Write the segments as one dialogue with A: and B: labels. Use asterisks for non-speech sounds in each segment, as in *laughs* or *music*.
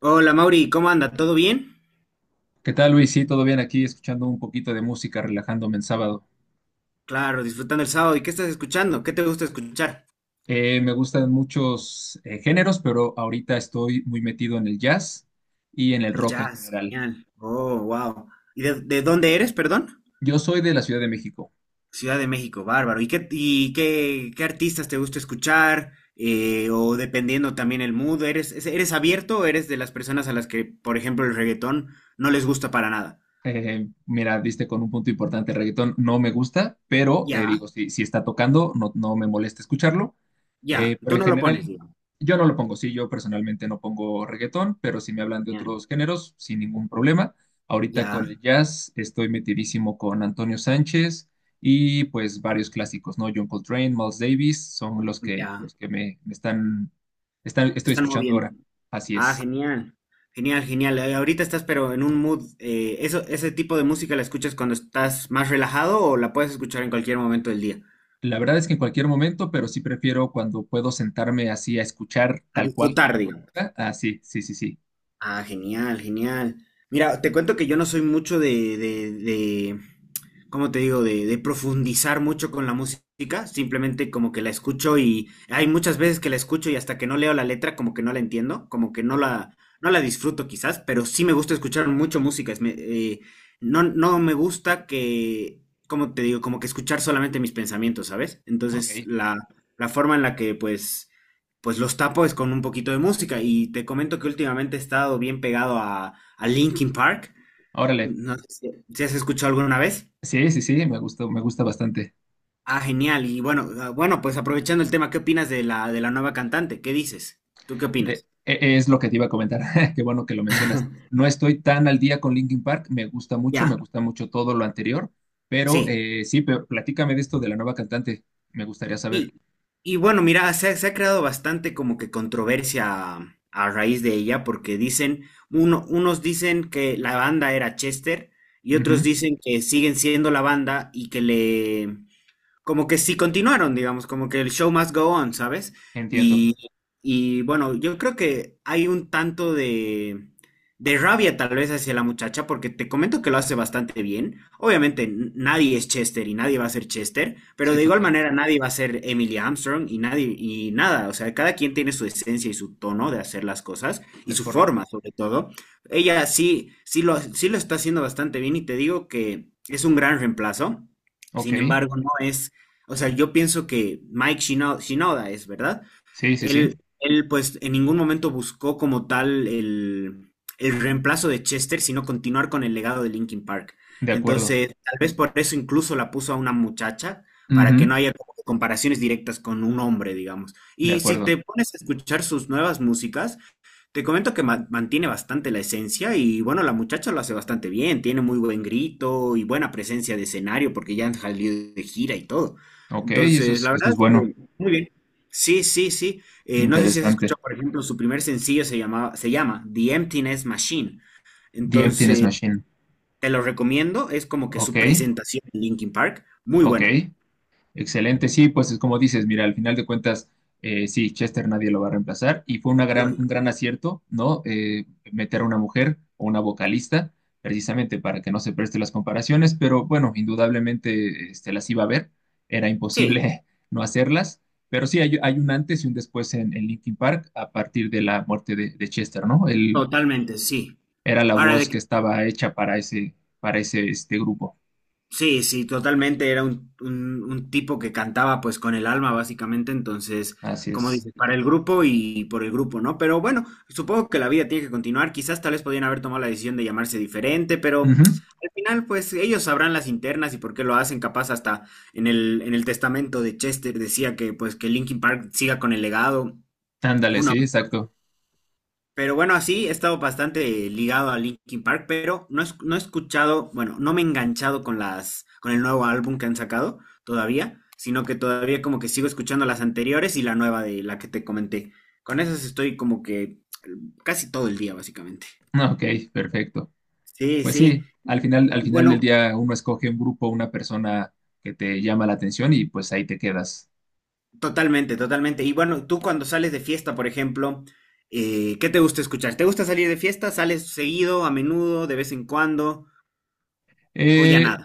A: Hola Mauri, ¿cómo anda? ¿Todo bien?
B: ¿Qué tal, Luis? Sí, todo bien aquí, escuchando un poquito de música, relajándome en sábado.
A: Claro, disfrutando el sábado. ¿Y qué estás escuchando? ¿Qué te gusta escuchar?
B: Me gustan muchos géneros, pero ahorita estoy muy metido en el jazz y en el
A: El
B: rock en
A: jazz,
B: general.
A: genial. Oh, wow. ¿Y de dónde eres, perdón?
B: Yo soy de la Ciudad de México.
A: Ciudad de México, bárbaro. Y qué, qué artistas te gusta escuchar? O dependiendo también el mood, ¿eres, eres abierto o eres de las personas a las que, por ejemplo, el reggaetón no les gusta para nada?
B: Mira, diste con un punto importante, el reggaetón no me gusta, pero
A: Ya,
B: digo, si está tocando, no, no me molesta escucharlo.
A: ya.
B: Pero
A: Tú
B: en
A: no lo pones,
B: general,
A: digo.
B: yo no lo pongo, sí, yo personalmente no pongo reggaetón, pero si me hablan de
A: Ya,
B: otros géneros, sin ningún problema. Ahorita
A: ya,
B: con el jazz estoy metidísimo con Antonio Sánchez y pues varios clásicos, ¿no? John Coltrane, Miles Davis, son
A: ya.
B: los que me están, están,
A: Te
B: estoy
A: están
B: escuchando
A: moviendo.
B: ahora. Así
A: Ah,
B: es.
A: genial. Genial, genial. Ahorita estás pero en un mood. Eso, ¿ese tipo de música la escuchas cuando estás más relajado o la puedes escuchar en cualquier momento del día?
B: La verdad es que en cualquier momento, pero sí prefiero cuando puedo sentarme así a escuchar
A: A
B: tal cual
A: disfrutar,
B: la
A: digo.
B: música. Ah, sí, sí, sí, sí.
A: Ah, genial, genial. Mira, te cuento que yo no soy mucho de, ¿cómo te digo? De profundizar mucho con la música, simplemente como que la escucho y hay muchas veces que la escucho y hasta que no leo la letra como que no la entiendo, como que no
B: O-
A: la, no la disfruto quizás, pero sí me gusta escuchar mucho música. No me gusta que, ¿cómo te digo? Como que escuchar solamente mis pensamientos, ¿sabes?
B: ok,
A: Entonces, la forma en la que pues los tapo es con un poquito de música. Y te comento que últimamente he estado bien pegado a Linkin Park.
B: órale.
A: No sé si, si has escuchado alguna vez.
B: Sí, sí, sí, me gusta bastante.
A: Ah, genial. Y bueno, ah, bueno, pues aprovechando el tema, ¿qué opinas de la nueva cantante? ¿Qué dices? ¿Tú qué opinas?
B: Es lo que te iba a comentar, *laughs* qué bueno que lo mencionas. No estoy tan al día con Linkin Park, me
A: Ya,
B: gusta mucho todo lo anterior, pero
A: sí.
B: sí, pero platícame de esto de la nueva cantante, me gustaría saber.
A: Y, y bueno, mira, se ha creado bastante como que controversia a, raíz de ella, porque dicen, unos dicen que la banda era Chester y
B: Ujú,
A: otros dicen que siguen siendo la banda y que le, como que sí continuaron, digamos, como que el show must go on, ¿sabes?
B: entiendo,
A: Y, y bueno, yo creo que hay un tanto de rabia tal vez hacia la muchacha, porque te comento que lo hace bastante bien. Obviamente nadie es Chester y nadie va a ser Chester, pero
B: sí,
A: de igual
B: total,
A: manera nadie va a ser Emily Armstrong y nadie, y nada, o sea, cada quien tiene su esencia y su tono de hacer las cosas y
B: es
A: su forma
B: correcto.
A: sobre todo. Ella sí, sí lo está haciendo bastante bien y te digo que es un gran reemplazo.
B: Ok,
A: Sin embargo, no es, o sea, yo pienso que Mike Shinoda es, ¿verdad?
B: sí, sí, sí,
A: Él, pues, en ningún momento buscó como tal el reemplazo de Chester, sino continuar con el legado de Linkin Park.
B: de acuerdo.
A: Entonces, tal vez por eso incluso la puso a una muchacha, para que
B: Ujú,
A: no haya como que comparaciones directas con un hombre, digamos.
B: de
A: Y si
B: acuerdo,
A: te pones a escuchar sus nuevas músicas, te comento que mantiene bastante la esencia y bueno, la muchacha lo hace bastante bien, tiene muy buen grito y buena presencia de escenario porque ya han salido de gira y todo.
B: ok,
A: Entonces, la
B: eso
A: verdad,
B: es bueno,
A: muy bien. Sí, sí, sí. No sé si has
B: interesante.
A: escuchado, por ejemplo, su primer sencillo se llamaba, se llama The Emptiness Machine.
B: The Emptiness
A: Entonces,
B: Machine,
A: te lo recomiendo, es como que
B: ok,
A: su presentación en Linkin Park, muy
B: ok,
A: buena.
B: excelente, sí, pues es como dices, mira, al final de cuentas, sí, Chester nadie lo va a reemplazar y fue una gran, un
A: Lógico.
B: gran acierto, ¿no? Meter a una mujer o una vocalista, precisamente para que no se preste las comparaciones, pero bueno, indudablemente este, las iba a ver, era
A: Sí,
B: imposible *laughs* no hacerlas, pero sí, hay un antes y un después en Linkin Park a partir de la muerte de Chester, ¿no? Él
A: totalmente, sí.
B: era la
A: Ahora,
B: voz
A: de
B: que
A: que.
B: estaba hecha para ese este grupo,
A: Sí, sí, totalmente. Era un tipo que cantaba pues con el alma, básicamente. Entonces,
B: así
A: como
B: es.
A: dices, para el grupo y por el grupo, ¿no? Pero bueno, supongo que la vida tiene que continuar. Quizás tal vez podían haber tomado la decisión de llamarse diferente, pero
B: Ujú.
A: al final, pues ellos sabrán las internas y por qué lo hacen. Capaz hasta en el testamento de Chester decía que pues que Linkin Park siga con el legado.
B: Ándale,
A: Uno.
B: sí, exacto.
A: Pero bueno, así he estado bastante ligado a Linkin Park, pero no, no he escuchado, bueno, no me he enganchado con las, con el nuevo álbum que han sacado todavía, sino que todavía como que sigo escuchando las anteriores y la nueva de la que te comenté. Con esas estoy como que casi todo el día, básicamente.
B: Ok, perfecto.
A: Sí,
B: Pues
A: sí.
B: sí, al
A: Y
B: final del
A: bueno,
B: día uno escoge un grupo, una persona que te llama la atención y pues ahí te quedas.
A: totalmente, totalmente. Y bueno, tú cuando sales de fiesta, por ejemplo, ¿qué te gusta escuchar? ¿Te gusta salir de fiesta? ¿Sales seguido, a menudo, de vez en cuando? ¿O ya
B: Eh,
A: nada?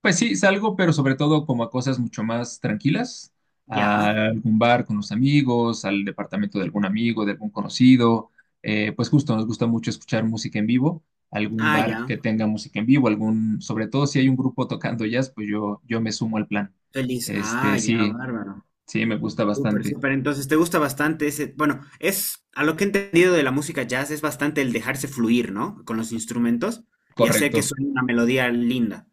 B: pues sí, salgo, pero sobre todo como a cosas mucho más tranquilas, a
A: Ya.
B: algún bar con los amigos, al departamento de algún amigo, de algún conocido. Pues justo nos gusta mucho escuchar música en vivo, algún
A: Ah, ya.
B: bar que tenga música en vivo, algún, sobre todo si hay un grupo tocando jazz, pues yo me sumo al plan.
A: Feliz.
B: Este,
A: Ah, ya,
B: sí,
A: bárbaro.
B: sí, me gusta
A: Súper,
B: bastante.
A: súper. Entonces, ¿te gusta bastante ese? Bueno, es, a lo que he entendido de la música jazz, es bastante el dejarse fluir, ¿no? Con los instrumentos y hacer que
B: Correcto.
A: suene una melodía linda.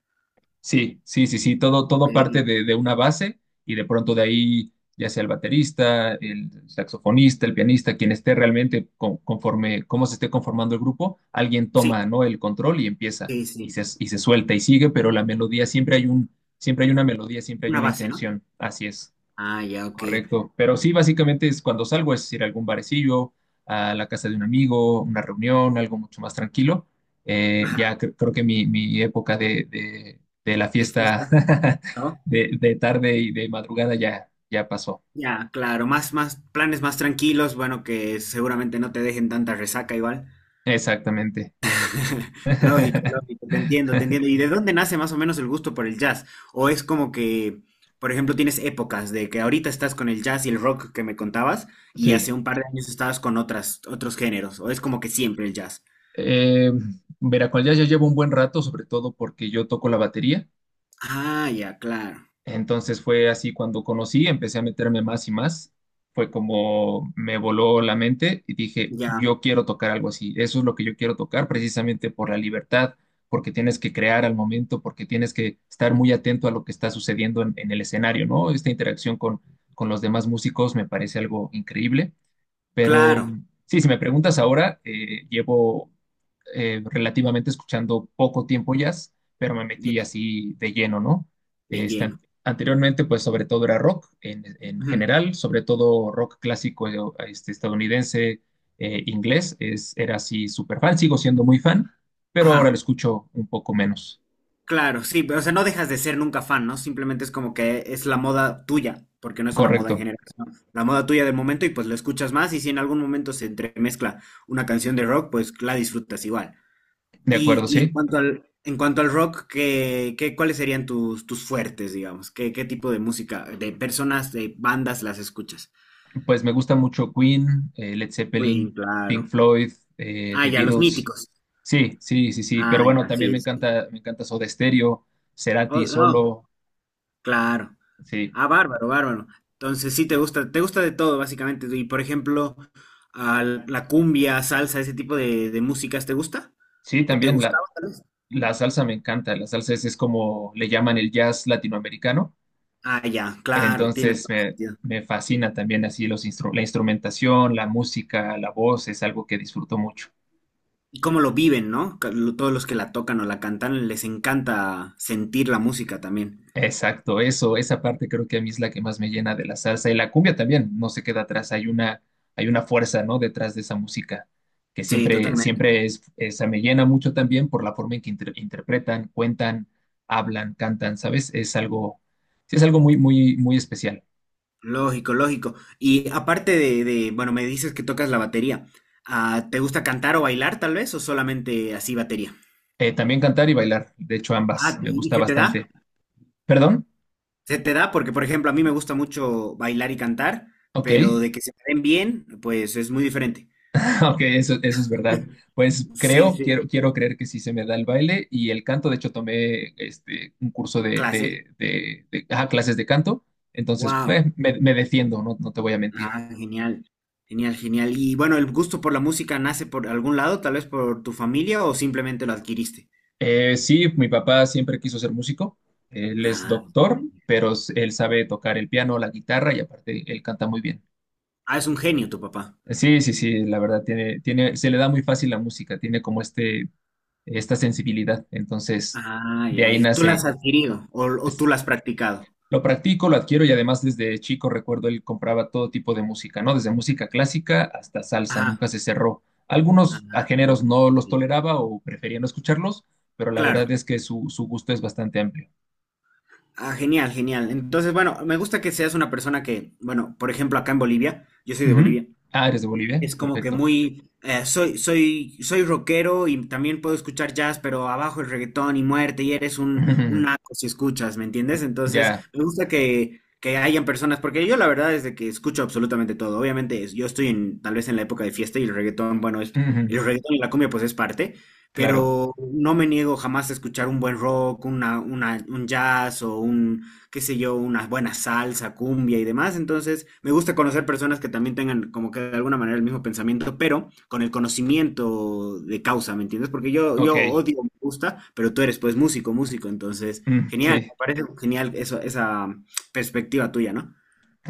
B: Sí, sí, sí, sí, todo,
A: Ok.
B: todo parte de una base y de pronto de ahí, ya sea el baterista, el saxofonista, el pianista, quien esté realmente conforme, cómo se esté conformando el grupo, alguien
A: Sí,
B: toma, ¿no? El control y empieza
A: sí, sí.
B: y se suelta y sigue, pero la melodía siempre hay un, siempre hay una melodía, siempre hay
A: Una
B: una
A: base, ¿no?
B: intención. Así es.
A: Ah, ya, ok.
B: Correcto, pero sí, básicamente es cuando salgo, es ir a algún barecillo, a la casa de un amigo, una reunión, algo mucho más tranquilo. Ya
A: Ajá,
B: creo que mi época de, de la
A: de
B: fiesta
A: fiesta,
B: *laughs*
A: ¿no?
B: de tarde y de madrugada ya, ya pasó.
A: Ya, claro, más, más, planes más tranquilos, bueno, que seguramente no te dejen tanta resaca igual.
B: Exactamente.
A: *laughs* Lógico, lógico, te entiendo, te entiendo.
B: *laughs*
A: ¿Y de dónde nace más o menos el gusto por el jazz? ¿O es como que, por ejemplo, tienes épocas de que ahorita estás con el jazz y el rock que me contabas y
B: Sí.
A: hace un par de años estabas con otras, otros géneros? ¿O es como que siempre el jazz?
B: Eh, Veracruz ya, ya llevo un buen rato, sobre todo porque yo toco la batería.
A: Ah, ya, claro,
B: Entonces fue así cuando conocí, empecé a meterme más y más. Fue como me voló la mente y dije,
A: ya,
B: yo quiero tocar algo así. Eso es lo que yo quiero tocar precisamente por la libertad, porque tienes que crear al momento, porque tienes que estar muy atento a lo que está sucediendo en el escenario, ¿no? Esta interacción con los demás músicos me parece algo increíble. Pero
A: claro,
B: sí, si me preguntas ahora, llevo relativamente escuchando poco tiempo jazz, pero me metí
A: ya,
B: así de lleno, ¿no?
A: de
B: Este,
A: lleno.
B: anteriormente, pues sobre todo era rock en
A: Ujú.
B: general, sobre todo rock clásico este, estadounidense, inglés, es, era así súper fan, sigo siendo muy fan, pero ahora lo
A: Ajá.
B: escucho un poco menos.
A: Claro, sí, pero o sea, no dejas de ser nunca fan, ¿no? Simplemente es como que es la moda tuya, porque no es una moda en
B: Correcto,
A: general, sino la moda tuya del momento y pues lo escuchas más y si en algún momento se entremezcla una canción de rock, pues la disfrutas igual.
B: de
A: Y,
B: acuerdo,
A: y
B: sí.
A: en cuanto al rock, ¿qué, qué- cuáles serían tus, tus fuertes, digamos? ¿Qué, qué tipo de música, de personas, de bandas las escuchas?
B: Pues me gusta mucho Queen, Led
A: Queen,
B: Zeppelin, Pink
A: claro.
B: Floyd,
A: Ah,
B: The
A: ya, los
B: Beatles.
A: míticos.
B: Sí, sí, sí, sí. Pero
A: Ah,
B: bueno,
A: ya,
B: también
A: sí, sí.
B: me encanta Soda Stereo, Cerati
A: Oh, oh,
B: solo.
A: claro.
B: Sí,
A: Ah, bárbaro, bárbaro. Entonces sí te gusta de todo, básicamente. Y por ejemplo, a la cumbia, salsa, ese tipo de músicas, ¿te gusta?
B: sí,
A: ¿O te
B: también la,
A: gustaba tal vez?
B: la salsa me encanta. La salsa es como le llaman el jazz latinoamericano.
A: Ah, ya, claro, tiene
B: Entonces
A: todo
B: me,
A: sentido.
B: me fascina también así los la instrumentación, la música, la voz, es algo que disfruto mucho.
A: Y cómo lo viven, ¿no? Todos los que la tocan o la cantan, les encanta sentir la música también.
B: Exacto, eso, esa parte creo que a mí es la que más me llena de la salsa y la cumbia también, no se queda atrás, hay una fuerza, ¿no? Detrás de esa música, que
A: Sí,
B: siempre,
A: totalmente.
B: siempre es, esa me llena mucho también por la forma en que interpretan, cuentan, hablan, cantan, ¿sabes? Es algo, sí es algo muy, muy, muy especial.
A: Lógico, lógico. Y aparte de, bueno, me dices que tocas la batería. Ah, ¿te gusta cantar o bailar tal vez? ¿O solamente así batería?
B: También cantar y bailar, de hecho
A: Ah,
B: ambas, me
A: y
B: gusta
A: se te da?
B: bastante. ¿Perdón?
A: Se te da porque, por ejemplo, a mí me gusta mucho bailar y cantar, pero
B: Ok.
A: de que se me den bien, pues es muy diferente.
B: *laughs* Ok, eso es verdad.
A: *laughs*
B: Pues
A: Sí,
B: creo,
A: sí.
B: quiero, quiero creer que sí se me da el baile y el canto. De hecho, tomé este, un curso
A: Clases.
B: de, ajá, clases de canto. Entonces,
A: Wow.
B: me, me defiendo, no, no te voy a mentir.
A: Ah, genial. Genial, genial. Y bueno, ¿el gusto por la música nace por algún lado, tal vez por tu familia o simplemente lo adquiriste?
B: Sí, mi papá siempre quiso ser músico. Él es
A: Ah,
B: doctor, pero él sabe tocar el piano, la guitarra y aparte él canta muy bien.
A: ah, es un genio tu papá.
B: Sí, sí, sí, la verdad, tiene, tiene, se le da muy fácil la música, tiene como este, esta sensibilidad. Entonces,
A: Ah,
B: de
A: ya.
B: ahí
A: ¿Y tú lo
B: nace.
A: has adquirido o
B: Pues,
A: tú lo has practicado?
B: lo practico, lo adquiero y además desde chico recuerdo él compraba todo tipo de música, ¿no? Desde música clásica hasta salsa,
A: Ajá.
B: nunca se cerró.
A: Ajá.
B: Algunos a géneros
A: Ajá, ok,
B: no los
A: ok.
B: toleraba o prefería no escucharlos, pero la verdad
A: Claro.
B: es que su gusto es bastante amplio.
A: Ah, genial, genial. Entonces, bueno, me gusta que seas una persona que, bueno, por ejemplo, acá en Bolivia, yo soy de
B: Ujú.
A: Bolivia,
B: Ah, eres de Bolivia,
A: es como que
B: perfecto.
A: muy, soy, soy, soy rockero y también puedo escuchar jazz, pero abajo es reggaetón y muerte y eres
B: *laughs*
A: un
B: Ujú.
A: naco si escuchas, ¿me entiendes? Entonces,
B: Ya,
A: me gusta que hayan personas, porque yo la verdad es de que escucho absolutamente todo. Obviamente, yo estoy en, tal vez en la época de fiesta y el reggaetón, bueno, es,
B: ujú.
A: el reggaetón y la cumbia pues es parte,
B: Claro,
A: pero no me niego jamás a escuchar un buen rock, una, un jazz o un qué sé yo, una buena salsa, cumbia y demás. Entonces, me gusta conocer personas que también tengan como que de alguna manera el mismo pensamiento, pero con el conocimiento de causa, ¿me entiendes? Porque yo,
B: ok,
A: yo odio, me gusta, pero tú eres pues músico, músico, entonces,
B: mm,
A: genial,
B: sí.
A: me parece genial eso, esa perspectiva tuya, ¿no?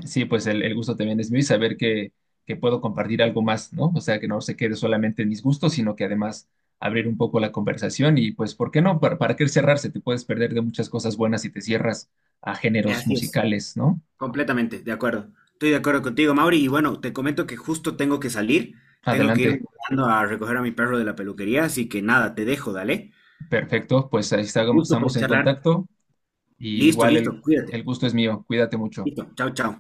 B: Sí, pues el gusto también es mío y saber que puedo compartir algo más, ¿no? O sea, que no se quede solamente en mis gustos, sino que además abrir un poco la conversación y pues, ¿por qué no? Para qué cerrarse? Te puedes perder de muchas cosas buenas si te cierras a géneros
A: Así es,
B: musicales, ¿no?
A: completamente, de acuerdo. Estoy de acuerdo contigo, Mauri, y bueno, te comento que justo tengo que salir, tengo que irme
B: Adelante,
A: corriendo a recoger a mi perro de la peluquería, así que nada, te dejo, dale.
B: perfecto, pues ahí
A: Gusto pues
B: estamos en
A: charlar.
B: contacto y
A: Listo,
B: igual
A: listo, cuídate.
B: el gusto es mío, cuídate mucho.
A: Listo, chao, chao.